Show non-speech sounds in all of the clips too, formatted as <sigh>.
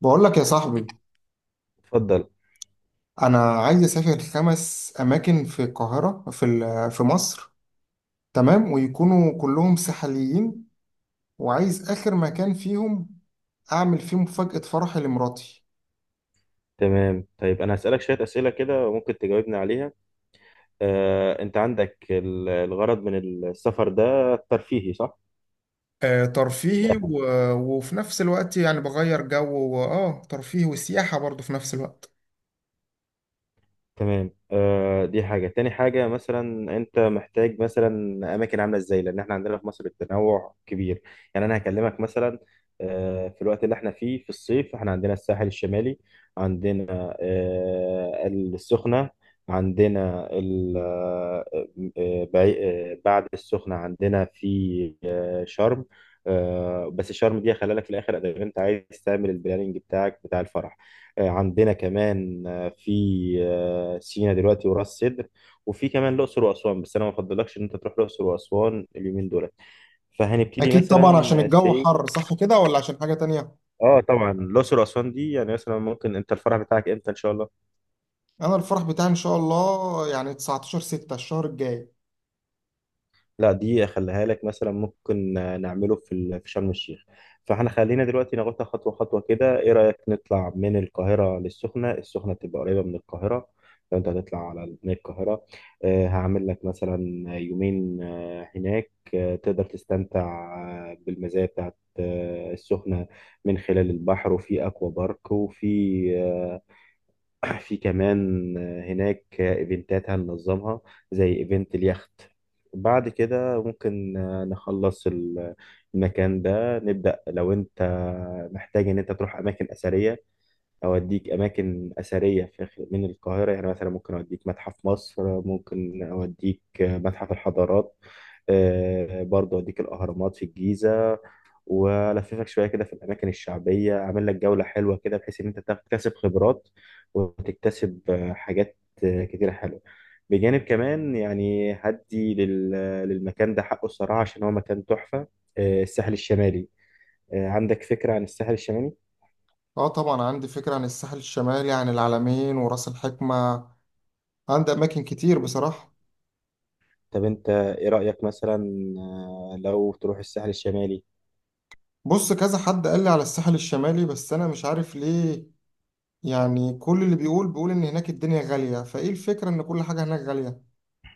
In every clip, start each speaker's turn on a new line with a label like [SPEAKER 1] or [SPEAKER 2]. [SPEAKER 1] بقول لك يا صاحبي.
[SPEAKER 2] اتفضل.
[SPEAKER 1] انا عايز اسافر خمس اماكن في القاهره، في مصر. تمام، ويكونوا كلهم ساحليين، وعايز اخر مكان فيهم اعمل فيه مفاجاه فرحي لمراتي.
[SPEAKER 2] تمام، طيب انا هسألك شوية أسئلة كده وممكن تجاوبني عليها. انت عندك الغرض من السفر ده ترفيهي صح؟
[SPEAKER 1] آه، ترفيهي، وفي نفس الوقت يعني بغير جو، واه ترفيهي وسياحه برضه في نفس الوقت.
[SPEAKER 2] تمام. دي حاجة. تاني حاجة مثلا أنت محتاج مثلا أماكن عاملة إزاي، لأن إحنا عندنا في مصر التنوع كبير. يعني أنا هكلمك مثلا، في الوقت اللي إحنا فيه في الصيف إحنا عندنا الساحل الشمالي. عندنا السخنة. عندنا آه، بعي- بعد السخنة عندنا في شرم. بس شرم دي خلي لك في الآخر، إذا أنت عايز تعمل البلاننج بتاعك بتاع الفرح. عندنا كمان في سينا دلوقتي وراس سدر. وفي كمان الاقصر واسوان، بس انا ما افضلكش ان انت تروح الاقصر واسوان اليومين دول. فهنبتدي
[SPEAKER 1] اكيد طبعا،
[SPEAKER 2] مثلا
[SPEAKER 1] عشان الجو
[SPEAKER 2] سي.
[SPEAKER 1] حر صح كده، ولا عشان حاجه تانية؟
[SPEAKER 2] اه، طبعا. الاقصر واسوان دي، يعني مثلا ممكن انت الفرع بتاعك امتى ان شاء الله؟
[SPEAKER 1] انا الفرح بتاعي ان شاء الله يعني 19 6 الشهر الجاي.
[SPEAKER 2] لا، دي اخليها لك. مثلا ممكن نعمله في في شرم الشيخ. فاحنا خلينا دلوقتي ناخدها خطوه خطوه كده، ايه رايك نطلع من القاهره للسخنه؟ السخنه تبقى قريبه من القاهره. لو انت هتطلع على من القاهره، هعمل لك مثلا يومين هناك. تقدر تستمتع بالمزايا بتاعت السخنه من خلال البحر، وفي اكوا بارك، وفي. <clears throat> في كمان هناك ايفنتات هننظمها، زي ايفنت اليخت. بعد كده ممكن نخلص المكان ده. نبدأ لو انت محتاج ان انت تروح اماكن اثرية. اوديك اماكن اثرية في من القاهرة، يعني مثلا ممكن اوديك متحف مصر، ممكن اوديك متحف الحضارات. برضه اوديك الاهرامات في الجيزة. والففك شويه كده في الاماكن الشعبيه، اعمل لك جوله حلوه كده بحيث ان انت تكتسب خبرات وتكتسب حاجات كتيره حلوه. بجانب كمان يعني هدي للمكان ده حقه الصراحه، عشان هو مكان تحفه. الساحل الشمالي. عندك فكره عن الساحل الشمالي؟
[SPEAKER 1] اه طبعا، عندي فكرة عن الساحل الشمالي، عن العلمين وراس الحكمة. عندي أماكن كتير بصراحة.
[SPEAKER 2] طب انت ايه رايك مثلا لو تروح الساحل الشمالي؟
[SPEAKER 1] بص، كذا حد قال لي على الساحل الشمالي، بس أنا مش عارف ليه. يعني كل اللي بيقول بيقول إن هناك الدنيا غالية، فإيه الفكرة إن كل حاجة هناك غالية؟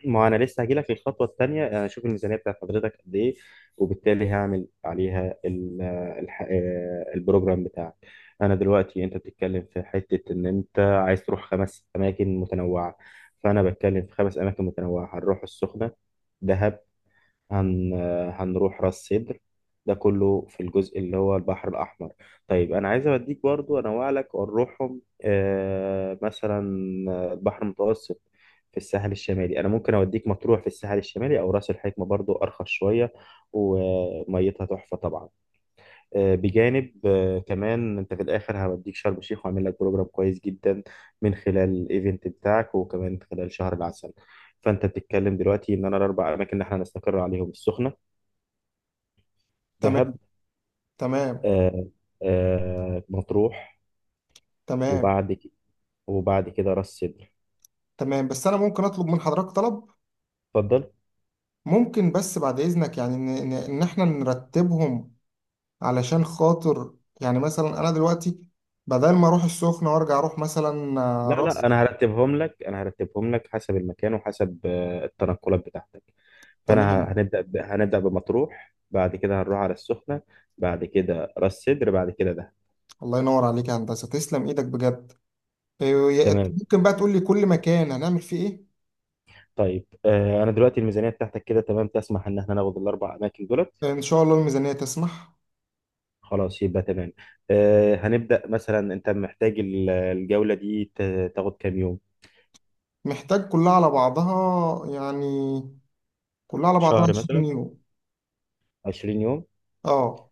[SPEAKER 2] ما انا لسه هجيلك في الخطوه الثانيه، انا اشوف الميزانيه بتاعت حضرتك قد ايه. وبالتالي هعمل عليها البروجرام بتاعك. انا دلوقتي انت بتتكلم في حته ان انت عايز تروح 5 اماكن متنوعه، فانا بتكلم في 5 اماكن متنوعه. هنروح السخنه. دهب. هن... هنروح راس سدر. ده كله في الجزء اللي هو البحر الأحمر. طيب، أنا عايز أوديك برضو، أنوع لك ونروحهم مثلا البحر المتوسط في الساحل الشمالي. أنا ممكن أوديك مطروح في الساحل الشمالي، أو راس الحكمة برضو أرخص شوية وميتها تحفة طبعا. بجانب كمان أنت في الآخر هوديك شرم الشيخ وأعمل لك بروجرام كويس جدا من خلال الإيفنت بتاعك وكمان خلال شهر العسل. فأنت بتتكلم دلوقتي إن أنا الأربع أماكن اللي إحنا هنستقر عليهم: السخنة،
[SPEAKER 1] تمام.
[SPEAKER 2] دهب،
[SPEAKER 1] تمام.
[SPEAKER 2] آه مطروح،
[SPEAKER 1] تمام.
[SPEAKER 2] وبعد كده وبعد كده راس سدر.
[SPEAKER 1] تمام، بس أنا ممكن أطلب من حضرتك طلب؟
[SPEAKER 2] اتفضل.
[SPEAKER 1] ممكن بس بعد إذنك، يعني إن إحنا نرتبهم، علشان خاطر يعني مثلا أنا دلوقتي بدل ما أروح السخنة وأرجع أروح مثلا، آه،
[SPEAKER 2] لا
[SPEAKER 1] راس
[SPEAKER 2] لا، انا هرتبهم لك، انا هرتبهم لك حسب المكان وحسب التنقلات بتاعتك. فانا
[SPEAKER 1] تمام.
[SPEAKER 2] هنبدا بمطروح، بعد كده هنروح على السخنه، بعد كده راس سدر، بعد كده دهب.
[SPEAKER 1] الله ينور عليك يا هندسة، تسلم إيدك بجد. إيه،
[SPEAKER 2] تمام.
[SPEAKER 1] ممكن بقى تقول لي كل مكان هنعمل فيه إيه؟
[SPEAKER 2] طيب، انا دلوقتي الميزانيه بتاعتك كده تمام؟ تسمح ان احنا ناخد الاربع اماكن دولت؟
[SPEAKER 1] إن شاء الله الميزانية تسمح.
[SPEAKER 2] خلاص، يبقى تمام. هنبدا مثلا. انت محتاج الجوله دي تاخد كام يوم؟
[SPEAKER 1] محتاج كلها على بعضها يعني، كلها على بعضها
[SPEAKER 2] شهر مثلا؟
[SPEAKER 1] 20 يورو.
[SPEAKER 2] 20 يوم
[SPEAKER 1] اه،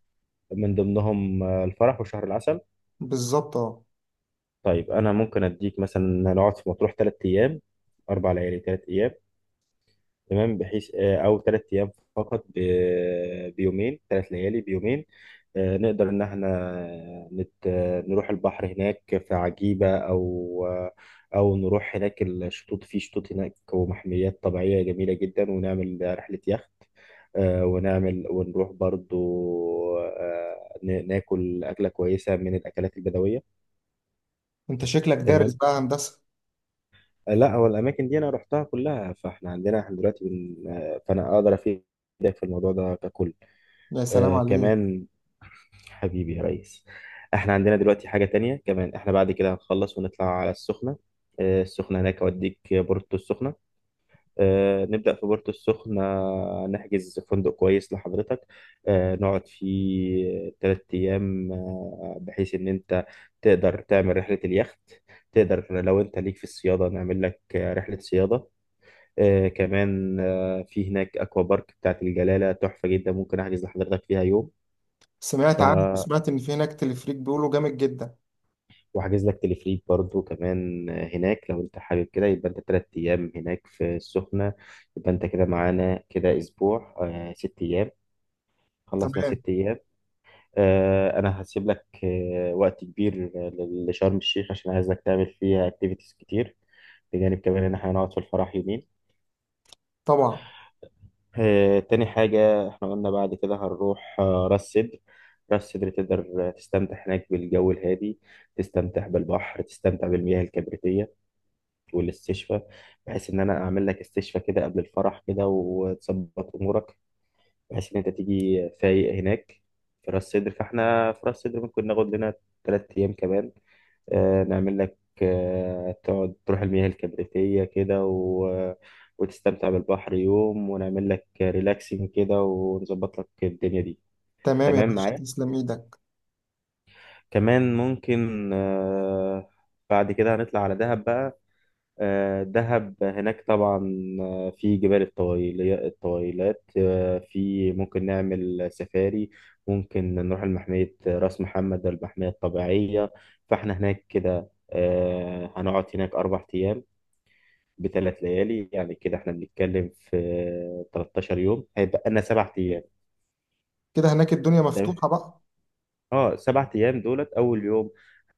[SPEAKER 2] من ضمنهم الفرح وشهر العسل.
[SPEAKER 1] بالظبط اه.
[SPEAKER 2] طيب، أنا ممكن أديك مثلا نقعد في مطروح 3 أيام، 4 ليالي 3 أيام، تمام، بحيث او 3 ايام فقط بيومين، 3 ليالي بيومين. نقدر ان احنا نروح البحر هناك في عجيبة، او نروح هناك الشطوط. في شطوط هناك ومحميات طبيعية جميلة جدا، ونعمل رحلة يخت. ونعمل ونروح برضو ناكل أكلة كويسة من الأكلات البدوية.
[SPEAKER 1] انت شكلك دارس
[SPEAKER 2] تمام.
[SPEAKER 1] بقى هندسة.
[SPEAKER 2] لا، هو الاماكن دي انا رحتها كلها، فاحنا عندنا احنا دلوقتي بن... آه، فانا اقدر افيدك في الموضوع ده ككل.
[SPEAKER 1] يا سلام عليك.
[SPEAKER 2] كمان، حبيبي يا ريس، احنا عندنا دلوقتي حاجه تانية. كمان احنا بعد كده هنخلص ونطلع على السخنه. السخنه هناك اوديك بورتو السخنه. نبدا في بورتو السخنه، نحجز فندق كويس لحضرتك. نقعد فيه 3 ايام، بحيث ان انت تقدر تعمل رحله اليخت. تقدر لو انت ليك في الصياده، نعمل لك رحله صياده. كمان، في هناك اكوا بارك بتاعت الجلاله تحفه جدا، ممكن احجز لحضرتك فيها يوم.
[SPEAKER 1] سمعت
[SPEAKER 2] ف
[SPEAKER 1] عنه، وسمعت ان في هناك تلفريك بيقولوا جامد جدا.
[SPEAKER 2] وحاجز لك تلفريك برضو كمان هناك، لو انت حابب كده. يبقى انت 3 ايام هناك في السخنه. يبقى انت كده معانا كده اسبوع، 6 ايام. خلصنا
[SPEAKER 1] تمام.
[SPEAKER 2] 6 ايام. انا هسيب لك وقت كبير لشرم الشيخ، عشان عايزك تعمل فيها اكتيفيتيز كتير، بجانب كمان ان احنا هنقعد في الفرح يومين.
[SPEAKER 1] طبعا.
[SPEAKER 2] تاني حاجة، احنا قلنا بعد كده هنروح راس سدر. راس سدر تقدر تستمتع هناك بالجو الهادي، تستمتع بالبحر، تستمتع بالمياه الكبريتية والاستشفاء. بحيث ان انا اعمل لك استشفاء كده قبل الفرح كده، وتظبط امورك، بحيث ان انت تيجي فايق هناك في راس سدر. فاحنا في راس سدر ممكن ناخد لنا 3 ايام كمان. نعمل لك تقعد تروح المياه الكبريتية كده وتستمتع بالبحر يوم، ونعمل لك ريلاكسنج كده ونظبط لك الدنيا دي.
[SPEAKER 1] تمام يا
[SPEAKER 2] تمام
[SPEAKER 1] باشا،
[SPEAKER 2] معايا.
[SPEAKER 1] تسلم ايدك.
[SPEAKER 2] كمان ممكن بعد كده هنطلع على دهب بقى. دهب هناك طبعا. في جبال الطويلات، في ممكن نعمل سفاري. ممكن نروح لمحمية راس محمد المحمية الطبيعية. فاحنا هناك كده هنقعد هناك 4 أيام بثلاث ليالي. يعني كده احنا بنتكلم في 13 يوم، هيبقى لنا 7 أيام.
[SPEAKER 1] كده هناك الدنيا
[SPEAKER 2] تمام؟
[SPEAKER 1] مفتوحة بقى.
[SPEAKER 2] اه، 7 أيام دولت. أول يوم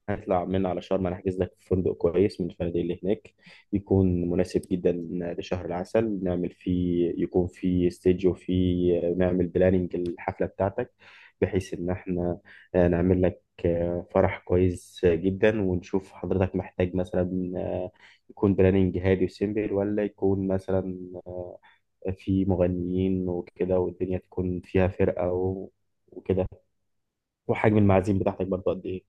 [SPEAKER 2] هنطلع من على شرم، انا هحجز لك في فندق كويس من الفنادق اللي هناك، يكون مناسب جدا لشهر العسل. نعمل فيه يكون فيه ستيج، وفيه نعمل بلاننج الحفلة بتاعتك، بحيث ان احنا نعمل لك فرح كويس جدا. ونشوف حضرتك محتاج مثلا يكون بلاننج هادي وسيمبل، ولا يكون مثلا في مغنيين وكده، والدنيا تكون فيها فرقة وكده. وحجم المعازيم بتاعتك برضه قد ايه؟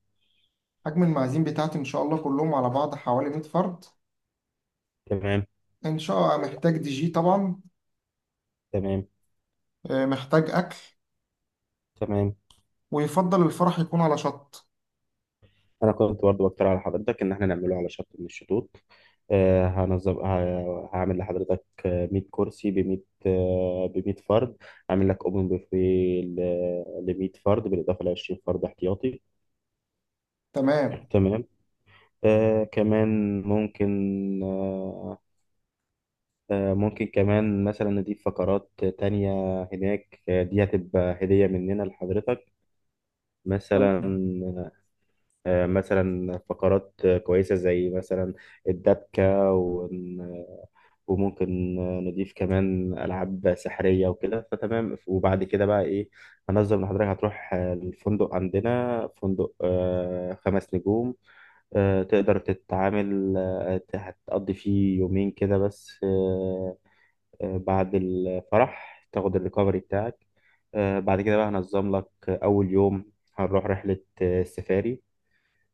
[SPEAKER 1] حجم المعازيم بتاعتي ان شاء الله كلهم على بعض حوالي 100 فرد.
[SPEAKER 2] تمام.
[SPEAKER 1] ان شاء الله. محتاج دي جي طبعا.
[SPEAKER 2] تمام.
[SPEAKER 1] آه، محتاج اكل.
[SPEAKER 2] تمام.
[SPEAKER 1] ويفضل الفرح يكون على شط.
[SPEAKER 2] انا كنت برضه بقترح على حضرتك ان احنا نعمله على شط من الشطوط. هنظم هعمل لحضرتك 100 كرسي ب 100 ب 100 فرد. هعمل لك اوبن بوفيه ل 100 فرد بالاضافه ل 20 فرد احتياطي.
[SPEAKER 1] تمام.
[SPEAKER 2] تمام. كمان ممكن ممكن كمان مثلا نضيف فقرات تانية هناك. دي هتبقى هدية مننا لحضرتك،
[SPEAKER 1] تمام.
[SPEAKER 2] مثلا. مثلا فقرات كويسة زي مثلا الدبكة. وممكن نضيف كمان ألعاب سحرية وكده. فتمام، وبعد كده بقى إيه؟ هنظم لحضرتك هتروح الفندق. عندنا فندق خمس نجوم، تقدر تتعامل. هتقضي فيه يومين كده بس، بعد الفرح تاخد الريكفري بتاعك. بعد كده بقى هنظم لك. أول يوم هنروح رحلة سفاري.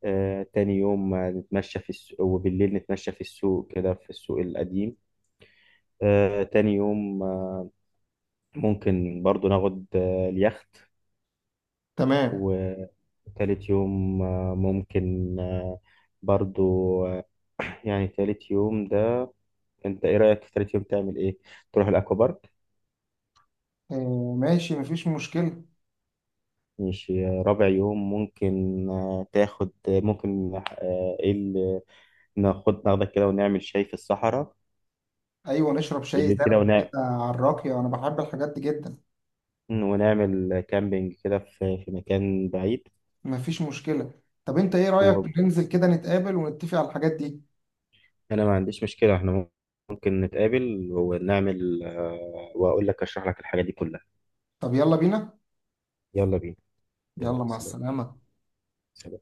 [SPEAKER 2] تاني يوم هنتمشى في السوق، وبالليل نتمشى في السوق كده، في السوق القديم. تاني يوم ممكن برضو ناخد اليخت.
[SPEAKER 1] تمام.
[SPEAKER 2] وتالت يوم ممكن برضو آه، <clears throat> يعني تالت يوم ده، انت ايه رأيك في تالت يوم تعمل ايه؟ تروح الاكوا بارك؟
[SPEAKER 1] إيه، ماشي، مفيش مشكلة.
[SPEAKER 2] ماشي. رابع يوم ممكن تاخد، ممكن ايه اللي ناخدك كده ونعمل شاي في الصحراء.
[SPEAKER 1] أيوة، نشرب شاي
[SPEAKER 2] بالليل كده،
[SPEAKER 1] زرد كده على الراقية، أنا بحب الحاجات دي جدا.
[SPEAKER 2] ونعمل كامبينج كده في مكان بعيد.
[SPEAKER 1] مفيش مشكلة. طب أنت إيه رأيك ننزل كده نتقابل ونتفق على الحاجات دي؟
[SPEAKER 2] انا ما عنديش مشكله، احنا ممكن نتقابل ونعمل واقول لك اشرح لك الحاجه دي كلها.
[SPEAKER 1] طب يلا بينا.
[SPEAKER 2] يلا بينا. يلا
[SPEAKER 1] يلا مع
[SPEAKER 2] سلام.
[SPEAKER 1] السلامة.
[SPEAKER 2] سلام.